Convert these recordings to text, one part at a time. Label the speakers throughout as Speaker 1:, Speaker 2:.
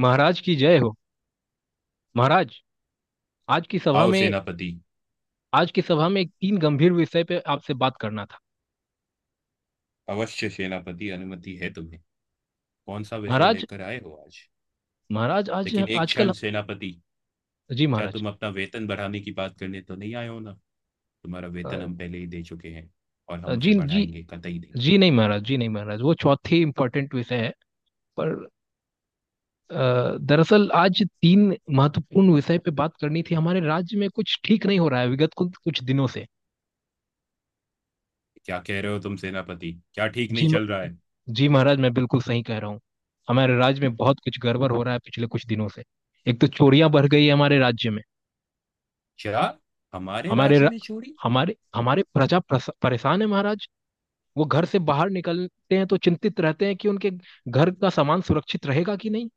Speaker 1: महाराज की जय हो। महाराज। आज की सभा
Speaker 2: आओ
Speaker 1: में
Speaker 2: सेनापति।
Speaker 1: आज की सभा में एक तीन गंभीर विषय पे आपसे बात करना था।
Speaker 2: अवश्य सेनापति, अनुमति है तुम्हें। कौन सा विषय
Speaker 1: महाराज।
Speaker 2: लेकर आए हो आज।
Speaker 1: महाराज आज।
Speaker 2: लेकिन एक
Speaker 1: आजकल।
Speaker 2: क्षण सेनापति,
Speaker 1: जी
Speaker 2: क्या
Speaker 1: महाराज।
Speaker 2: तुम अपना वेतन बढ़ाने की बात करने तो नहीं आए हो ना। तुम्हारा वेतन
Speaker 1: अ,
Speaker 2: हम पहले ही दे चुके हैं, और हम
Speaker 1: जी
Speaker 2: उसे
Speaker 1: जी
Speaker 2: बढ़ाएंगे कतई नहीं।
Speaker 1: जी नहीं महाराज, जी नहीं महाराज, वो चौथी इम्पोर्टेंट विषय है। पर। दरअसल आज तीन महत्वपूर्ण विषय पे बात करनी थी। हमारे राज्य में कुछ ठीक नहीं हो रहा है विगत कुछ कुछ दिनों से।
Speaker 2: क्या कह रहे हो तुम सेनापति, क्या ठीक नहीं
Speaker 1: जी
Speaker 2: चल रहा है।
Speaker 1: जी महाराज, मैं बिल्कुल सही कह रहा हूँ। हमारे राज्य में बहुत कुछ गड़बड़ हो रहा है पिछले कुछ दिनों से। एक तो चोरियां बढ़ गई है हमारे राज्य में।
Speaker 2: क्या हमारे
Speaker 1: हमारे
Speaker 2: राज्य
Speaker 1: र-
Speaker 2: में चोरी।
Speaker 1: हमारे हमारे प्रजा परेशान है महाराज। वो घर से बाहर निकलते हैं तो चिंतित रहते हैं कि उनके घर का सामान सुरक्षित रहेगा कि नहीं।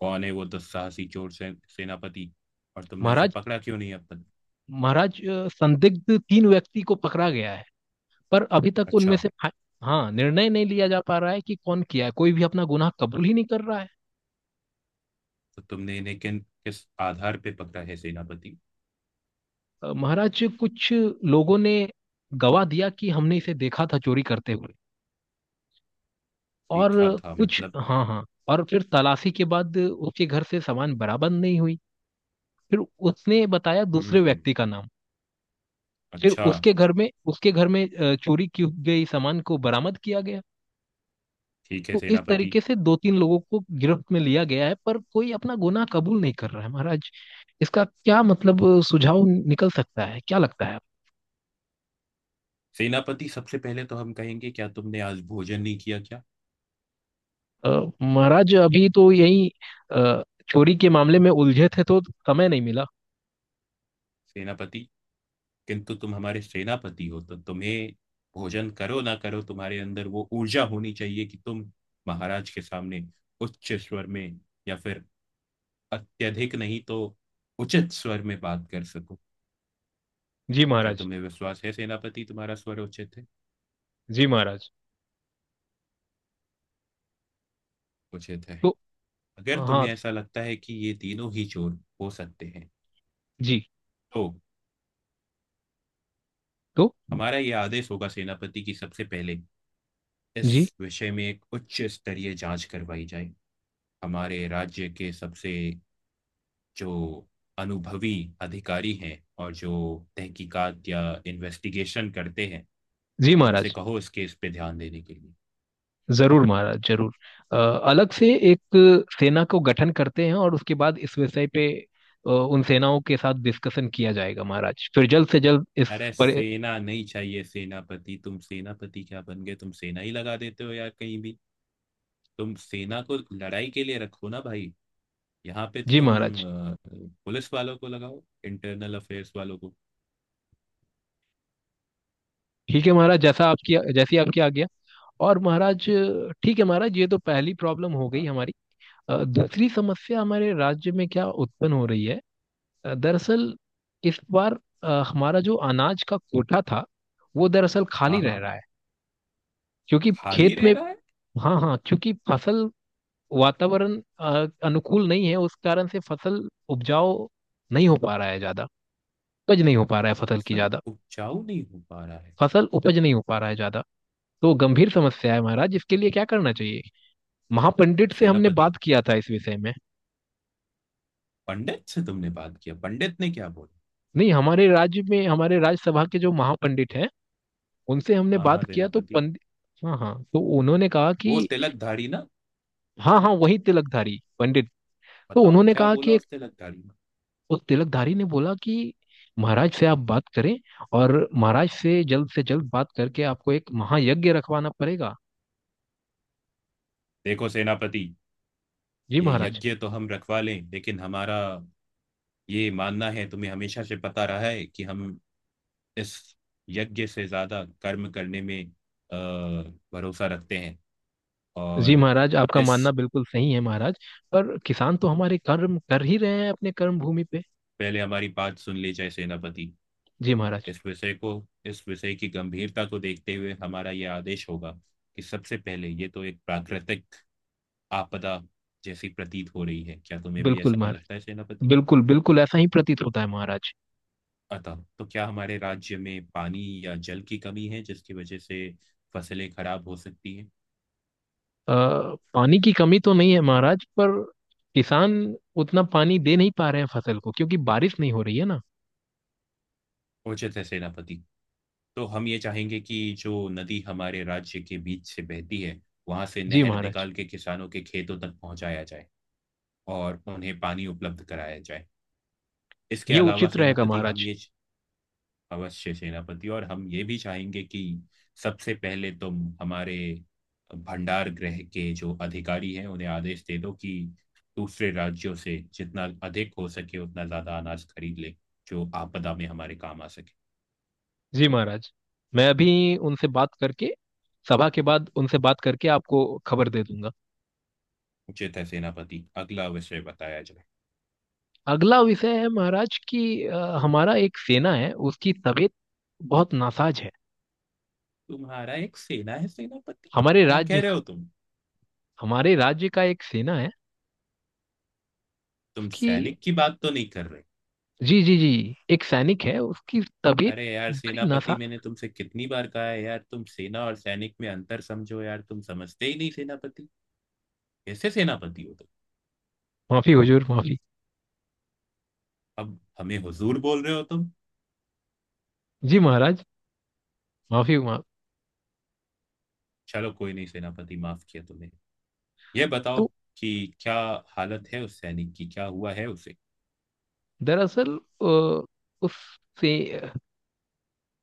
Speaker 2: कौन है वो दुस्साहसी चोर से, सेनापति। और तुमने उसे
Speaker 1: महाराज।
Speaker 2: पकड़ा क्यों नहीं अब तक।
Speaker 1: महाराज, संदिग्ध तीन व्यक्ति को पकड़ा गया है पर अभी तक उनमें
Speaker 2: अच्छा,
Speaker 1: से हाँ, निर्णय नहीं लिया जा पा रहा है कि कौन किया है। कोई भी अपना गुनाह कबूल ही नहीं कर रहा है।
Speaker 2: तो तुमने इन्हें किन किस आधार पे पकड़ा है सेनापति।
Speaker 1: महाराज, कुछ लोगों ने गवाह दिया कि हमने इसे देखा था चोरी करते हुए। और
Speaker 2: देखा था
Speaker 1: कुछ।
Speaker 2: मतलब।
Speaker 1: हाँ हाँ। और फिर तलाशी के बाद उसके घर से सामान बरामद नहीं हुई। फिर उसने बताया दूसरे
Speaker 2: हम्म,
Speaker 1: व्यक्ति का नाम। फिर
Speaker 2: अच्छा।
Speaker 1: उसके घर में चोरी की गई सामान को बरामद किया गया।
Speaker 2: ठीक है
Speaker 1: तो इस
Speaker 2: सेनापति।
Speaker 1: तरीके से दो तीन लोगों को गिरफ्त में लिया गया है पर कोई अपना गुनाह कबूल नहीं कर रहा है महाराज। इसका क्या मतलब, सुझाव निकल सकता है? क्या लगता है?
Speaker 2: सेनापति सबसे पहले तो हम कहेंगे, क्या तुमने आज भोजन नहीं किया क्या।
Speaker 1: अ, महाराज, अभी तो यही अ, चोरी के मामले में उलझे थे तो समय नहीं मिला।
Speaker 2: सेनापति, किंतु तुम हमारे सेनापति हो तो तुम्हें भोजन करो ना करो तुम्हारे अंदर वो ऊर्जा होनी चाहिए कि तुम महाराज के सामने उच्च स्वर में, या फिर अत्यधिक नहीं तो उचित स्वर में बात कर सको।
Speaker 1: जी
Speaker 2: क्या
Speaker 1: महाराज।
Speaker 2: तुम्हें विश्वास है सेनापति तुम्हारा स्वर उचित है।
Speaker 1: जी महाराज।
Speaker 2: उचित है।
Speaker 1: तो।
Speaker 2: अगर
Speaker 1: हाँ।
Speaker 2: तुम्हें ऐसा लगता है कि ये तीनों ही चोर हो सकते हैं,
Speaker 1: जी।
Speaker 2: तो
Speaker 1: तो।
Speaker 2: हमारा ये आदेश होगा सेनापति की सबसे पहले इस
Speaker 1: जी।
Speaker 2: विषय में एक उच्च स्तरीय जांच करवाई जाए। हमारे राज्य के सबसे जो अनुभवी अधिकारी हैं और जो तहकीकात या इन्वेस्टिगेशन करते हैं,
Speaker 1: जी
Speaker 2: उनसे
Speaker 1: महाराज।
Speaker 2: कहो इस केस पे ध्यान देने के लिए।
Speaker 1: जरूर महाराज जरूर। अलग से एक सेना को गठन करते हैं और उसके बाद इस विषय पे उन सेनाओं के साथ डिस्कशन किया जाएगा महाराज। फिर जल्द से जल्द इस।
Speaker 2: अरे
Speaker 1: पर।
Speaker 2: सेना नहीं चाहिए सेनापति, तुम सेनापति क्या बन गए तुम सेना ही लगा देते हो यार कहीं भी। तुम सेना को लड़ाई के लिए रखो ना भाई। यहाँ पे
Speaker 1: जी
Speaker 2: तुम
Speaker 1: महाराज।
Speaker 2: अ, पुलिस वालों को लगाओ, इंटरनल अफेयर्स वालों को।
Speaker 1: ठीक है महाराज, जैसा आपकी जैसी आपकी आज्ञा। और महाराज। ठीक है महाराज, ये तो पहली प्रॉब्लम हो गई
Speaker 2: हाँ।
Speaker 1: हमारी। दूसरी समस्या हमारे राज्य में क्या उत्पन्न हो रही है। दरअसल। इस बार। हमारा जो अनाज का कोटा था, वो दरअसल
Speaker 2: हाँ,
Speaker 1: खाली रह
Speaker 2: हाँ,
Speaker 1: रहा है। क्योंकि
Speaker 2: खाली
Speaker 1: खेत
Speaker 2: रह
Speaker 1: में।
Speaker 2: रहा है।
Speaker 1: हाँ हाँ, क्योंकि फसल। वातावरण अनुकूल नहीं है उस कारण से फसल उपजाऊ नहीं हो पा रहा है ज्यादा। उपज नहीं हो पा रहा है फसल की
Speaker 2: फसल
Speaker 1: ज्यादा।
Speaker 2: उपजाऊ नहीं हो पा रहा है।
Speaker 1: फसल उपज नहीं हो पा रहा है ज्यादा। तो गंभीर समस्या है महाराज, इसके लिए क्या करना चाहिए? महापंडित से हमने
Speaker 2: सेनापति,
Speaker 1: बात किया था इस विषय में।
Speaker 2: पंडित से तुमने बात किया, पंडित ने क्या बोला।
Speaker 1: नहीं, हमारे राज्य में हमारे राज्यसभा के जो महापंडित हैं उनसे हमने
Speaker 2: हाँ
Speaker 1: बात
Speaker 2: हाँ
Speaker 1: किया तो
Speaker 2: सेनापति।
Speaker 1: पंड हाँ हाँ, तो उन्होंने कहा
Speaker 2: वो
Speaker 1: कि।
Speaker 2: तिलकधारी ना।
Speaker 1: हाँ हाँ, वही तिलकधारी पंडित। तो
Speaker 2: बताओ
Speaker 1: उन्होंने
Speaker 2: क्या
Speaker 1: कहा
Speaker 2: बोला
Speaker 1: कि।
Speaker 2: उस तिलकधारी ने।
Speaker 1: उस तिलकधारी ने बोला कि। महाराज से आप बात करें। और महाराज से जल्द बात करके आपको एक महायज्ञ रखवाना पड़ेगा।
Speaker 2: देखो सेनापति,
Speaker 1: जी
Speaker 2: ये
Speaker 1: महाराज।
Speaker 2: यज्ञ तो हम रखवा लें लेकिन हमारा ये मानना है, तुम्हें हमेशा से पता रहा है कि हम इस यज्ञ से ज्यादा कर्म करने में भरोसा रखते हैं।
Speaker 1: जी
Speaker 2: और
Speaker 1: महाराज, आपका
Speaker 2: इस,
Speaker 1: मानना बिल्कुल सही है महाराज। पर किसान तो हमारे कर्म कर ही रहे हैं अपने कर्म भूमि पे।
Speaker 2: पहले हमारी बात सुन ली जाए सेनापति।
Speaker 1: जी महाराज।
Speaker 2: इस विषय को, इस विषय की गंभीरता को देखते हुए हमारा यह आदेश होगा कि सबसे पहले ये तो एक प्राकृतिक आपदा जैसी प्रतीत हो रही है, क्या तुम्हें भी
Speaker 1: बिल्कुल
Speaker 2: ऐसा लगता है
Speaker 1: महाराज।
Speaker 2: सेनापति।
Speaker 1: बिल्कुल बिल्कुल ऐसा ही प्रतीत होता है महाराज।
Speaker 2: अतः तो क्या हमारे राज्य में पानी या जल की कमी है जिसकी वजह से फसलें खराब हो सकती हैं।
Speaker 1: अ, पानी की कमी तो नहीं है महाराज, पर किसान उतना पानी दे नहीं पा रहे हैं फसल को क्योंकि बारिश नहीं हो रही है ना।
Speaker 2: उचित है सेनापति। तो हम ये चाहेंगे कि जो नदी हमारे राज्य के बीच से बहती है, वहां से
Speaker 1: जी
Speaker 2: नहर
Speaker 1: महाराज।
Speaker 2: निकाल के किसानों के खेतों तक पहुंचाया जाए, और उन्हें पानी उपलब्ध कराया जाए। इसके
Speaker 1: ये
Speaker 2: अलावा
Speaker 1: उचित रहेगा
Speaker 2: सेनापति हम
Speaker 1: महाराज।
Speaker 2: ये, अवश्य सेनापति, और हम ये भी चाहेंगे कि सबसे पहले तुम हमारे भंडार गृह के जो अधिकारी हैं उन्हें आदेश दे दो कि दूसरे राज्यों से जितना अधिक हो सके उतना ज्यादा अनाज खरीद ले, जो आपदा में हमारे काम आ सके।
Speaker 1: जी महाराज। मैं अभी उनसे बात करके सभा के बाद उनसे बात करके आपको खबर दे दूंगा।
Speaker 2: उचित है सेनापति, अगला विषय बताया जाए।
Speaker 1: अगला विषय है महाराज कि अ, हमारा एक सेना है, उसकी तबीयत बहुत नासाज है।
Speaker 2: तुम्हारा एक सेना है सेनापति,
Speaker 1: हमारे
Speaker 2: क्या
Speaker 1: राज्य
Speaker 2: कह रहे
Speaker 1: का।
Speaker 2: हो तुम।
Speaker 1: हमारे राज्य का एक सेना है।
Speaker 2: तुम
Speaker 1: उसकी।
Speaker 2: सैनिक की बात तो नहीं कर रहे।
Speaker 1: जी जी जी एक सैनिक है उसकी तबीयत।
Speaker 2: अरे यार
Speaker 1: बड़ी
Speaker 2: सेनापति,
Speaker 1: नासा
Speaker 2: मैंने तुमसे कितनी बार कहा है यार तुम सेना और सैनिक में अंतर समझो यार, तुम समझते ही नहीं सेनापति। कैसे सेनापति हो तुम।
Speaker 1: माफी हुजूर माफी।
Speaker 2: अब हमें हुजूर बोल रहे हो तुम।
Speaker 1: जी महाराज। माफी माफ
Speaker 2: चलो कोई नहीं सेनापति, माफ किया तुम्हें। यह बताओ
Speaker 1: तो।
Speaker 2: कि क्या हालत है उस सैनिक की, क्या हुआ है उसे।
Speaker 1: दरअसल। अ, उससे।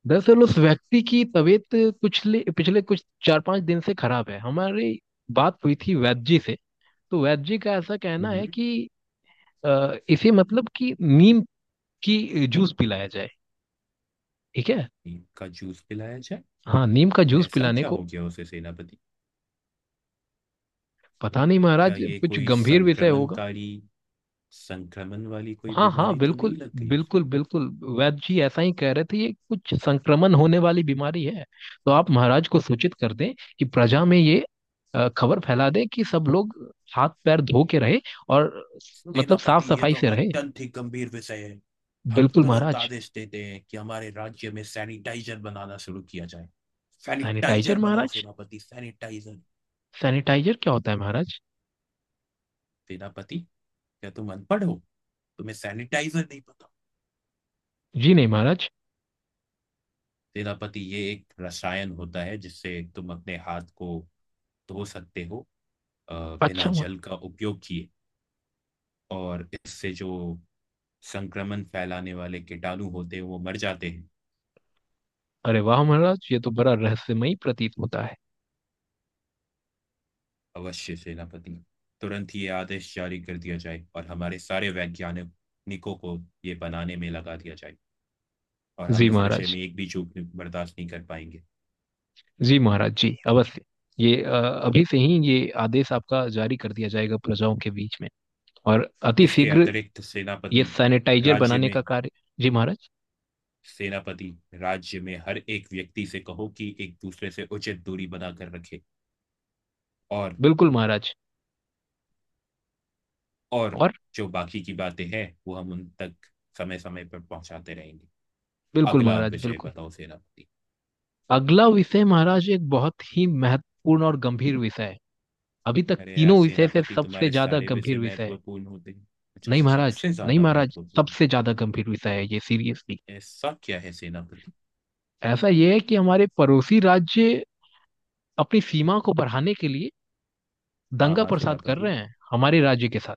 Speaker 1: दरअसल उस व्यक्ति की तबीयत पिछले पिछले कुछ चार पांच दिन से खराब है। हमारी बात हुई थी वैद्य जी से। तो वैद्य जी का ऐसा कहना है
Speaker 2: हम्म,
Speaker 1: कि इसे मतलब कि नीम की जूस पिलाया जाए। ठीक है।
Speaker 2: नीम का जूस पिलाया जाए।
Speaker 1: हाँ, नीम का जूस
Speaker 2: ऐसा
Speaker 1: पिलाने
Speaker 2: क्या
Speaker 1: को।
Speaker 2: हो गया उसे सेनापति।
Speaker 1: पता नहीं
Speaker 2: क्या
Speaker 1: महाराज,
Speaker 2: ये
Speaker 1: कुछ
Speaker 2: कोई
Speaker 1: गंभीर विषय होगा।
Speaker 2: संक्रमणकारी, संक्रमण वाली कोई
Speaker 1: हाँ हाँ,
Speaker 2: बीमारी तो
Speaker 1: बिल्कुल।
Speaker 2: नहीं लग गई उसे।
Speaker 1: बिल्कुल बिल्कुल। वैद्य जी ऐसा ही कह रहे थे, ये कुछ संक्रमण होने वाली बीमारी है। तो आप महाराज को सूचित कर दें कि प्रजा में ये खबर फैला दें कि सब लोग हाथ पैर धो के रहे और मतलब साफ
Speaker 2: सेनापति ये
Speaker 1: सफाई
Speaker 2: तो
Speaker 1: से रहे।
Speaker 2: अत्यंत ही गंभीर विषय है। हम
Speaker 1: बिल्कुल
Speaker 2: तुरंत
Speaker 1: महाराज।
Speaker 2: आदेश देते हैं कि हमारे राज्य में सैनिटाइजर बनाना शुरू किया जाए।
Speaker 1: सैनिटाइजर
Speaker 2: सैनिटाइजर बनाओ
Speaker 1: महाराज।
Speaker 2: सेनापति, सैनिटाइजर।
Speaker 1: सैनिटाइजर क्या होता है महाराज?
Speaker 2: सेनापति, क्या तुम अनपढ़ हो, तुम्हें सैनिटाइजर नहीं पता।
Speaker 1: जी नहीं महाराज।
Speaker 2: सेनापति ये एक रसायन होता है जिससे तुम अपने हाथ को धो सकते हो, अ, बिना
Speaker 1: अच्छा महाराज।
Speaker 2: जल का उपयोग किए, और इससे जो संक्रमण फैलाने वाले कीटाणु होते हैं वो मर जाते हैं।
Speaker 1: अरे वाह महाराज, ये तो बड़ा रहस्यमयी प्रतीत होता है।
Speaker 2: अवश्य सेनापति, तुरंत ये आदेश जारी कर दिया जाए और हमारे सारे वैज्ञानिकों को ये बनाने में लगा दिया जाए, और
Speaker 1: जी
Speaker 2: हम इस विषय
Speaker 1: महाराज।
Speaker 2: में एक भी चूक बर्दाश्त नहीं कर पाएंगे।
Speaker 1: जी महाराज जी, अवश्य। ये अभी से ही ये आदेश आपका जारी कर दिया जाएगा प्रजाओं के बीच में। और अति
Speaker 2: इसके
Speaker 1: शीघ्र।
Speaker 2: अतिरिक्त
Speaker 1: ये
Speaker 2: सेनापति,
Speaker 1: सैनिटाइजर
Speaker 2: राज्य
Speaker 1: बनाने का
Speaker 2: में,
Speaker 1: कार्य। जी महाराज।
Speaker 2: सेनापति राज्य में हर एक व्यक्ति से कहो कि एक दूसरे से उचित दूरी बनाकर रखे। और
Speaker 1: बिल्कुल महाराज।
Speaker 2: और
Speaker 1: और।
Speaker 2: जो बाकी की बातें हैं वो हम उन तक समय समय पर पहुंचाते रहेंगे।
Speaker 1: बिल्कुल
Speaker 2: अगला
Speaker 1: महाराज
Speaker 2: विषय
Speaker 1: बिल्कुल।
Speaker 2: बताओ सेनापति।
Speaker 1: अगला विषय महाराज एक बहुत ही महत्वपूर्ण और गंभीर विषय है। अभी तक
Speaker 2: अरे यार
Speaker 1: तीनों विषय से
Speaker 2: सेनापति,
Speaker 1: सबसे
Speaker 2: तुम्हारे
Speaker 1: ज्यादा
Speaker 2: सारे विषय
Speaker 1: गंभीर विषय है।
Speaker 2: महत्वपूर्ण होते हैं। अच्छा,
Speaker 1: नहीं महाराज,
Speaker 2: सबसे
Speaker 1: नहीं
Speaker 2: ज्यादा
Speaker 1: महाराज,
Speaker 2: महत्वपूर्ण।
Speaker 1: सबसे ज्यादा गंभीर विषय है ये सीरियसली।
Speaker 2: ऐसा क्या है सेनापति।
Speaker 1: ऐसा ये है कि हमारे पड़ोसी राज्य अपनी सीमा को बढ़ाने के लिए
Speaker 2: हाँ
Speaker 1: दंगा
Speaker 2: हाँ
Speaker 1: प्रसाद कर
Speaker 2: सेनापति,
Speaker 1: रहे हैं हमारे राज्य के साथ।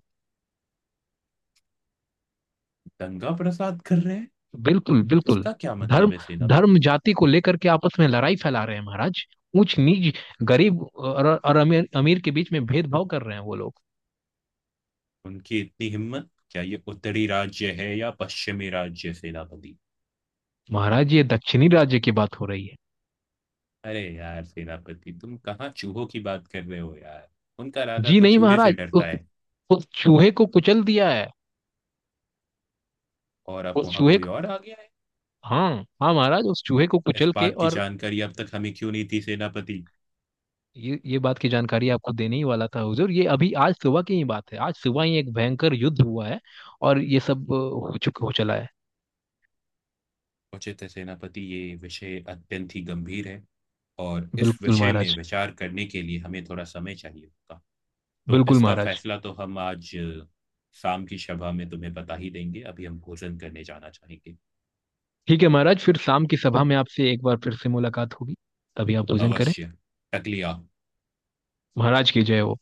Speaker 2: दंगा प्रसाद कर रहे हैं।
Speaker 1: बिल्कुल बिल्कुल।
Speaker 2: इसका क्या मतलब
Speaker 1: धर्म।
Speaker 2: है सेनापति।
Speaker 1: धर्म जाति को लेकर के आपस में लड़ाई फैला रहे हैं महाराज। ऊंच नीच। गरीब और अमीर अमीर के बीच में भेदभाव कर रहे हैं वो लोग।
Speaker 2: उनकी इतनी हिम्मत, क्या ये उत्तरी राज्य है या पश्चिमी राज्य सेनापति।
Speaker 1: महाराज, ये दक्षिणी राज्य की बात हो रही है।
Speaker 2: अरे यार सेनापति, तुम कहाँ चूहों की बात कर रहे हो यार। उनका राजा
Speaker 1: जी
Speaker 2: तो
Speaker 1: नहीं
Speaker 2: चूहे से
Speaker 1: महाराज,
Speaker 2: डरता
Speaker 1: उस
Speaker 2: है।
Speaker 1: उस चूहे को कुचल दिया है।
Speaker 2: और अब
Speaker 1: उस
Speaker 2: वहां
Speaker 1: चूहे
Speaker 2: कोई
Speaker 1: को।
Speaker 2: और आ गया है।
Speaker 1: हाँ। हाँ महाराज, उस चूहे को
Speaker 2: इस
Speaker 1: कुचल के
Speaker 2: बात की
Speaker 1: और।
Speaker 2: जानकारी अब तक हमें क्यों नहीं थी सेनापति।
Speaker 1: ये बात की जानकारी आपको देने ही वाला था हुजूर, ये अभी आज सुबह की ही बात है। आज सुबह ही एक भयंकर युद्ध हुआ है। और ये सब हो चुका हो चला है।
Speaker 2: उचित है सेनापति, ये विषय अत्यंत ही गंभीर है, और इस
Speaker 1: बिल्कुल
Speaker 2: विषय में
Speaker 1: महाराज।
Speaker 2: विचार करने के लिए हमें थोड़ा समय चाहिए होगा। तो
Speaker 1: बिल्कुल
Speaker 2: इसका
Speaker 1: महाराज।
Speaker 2: फैसला तो हम आज शाम की सभा में तुम्हें बता ही देंगे। अभी हम भोजन करने जाना चाहेंगे।
Speaker 1: ठीक है महाराज, फिर शाम की सभा में आपसे एक बार फिर से मुलाकात होगी। तभी आप भोजन करें।
Speaker 2: अवश्य। टकलिया।
Speaker 1: महाराज की जय हो।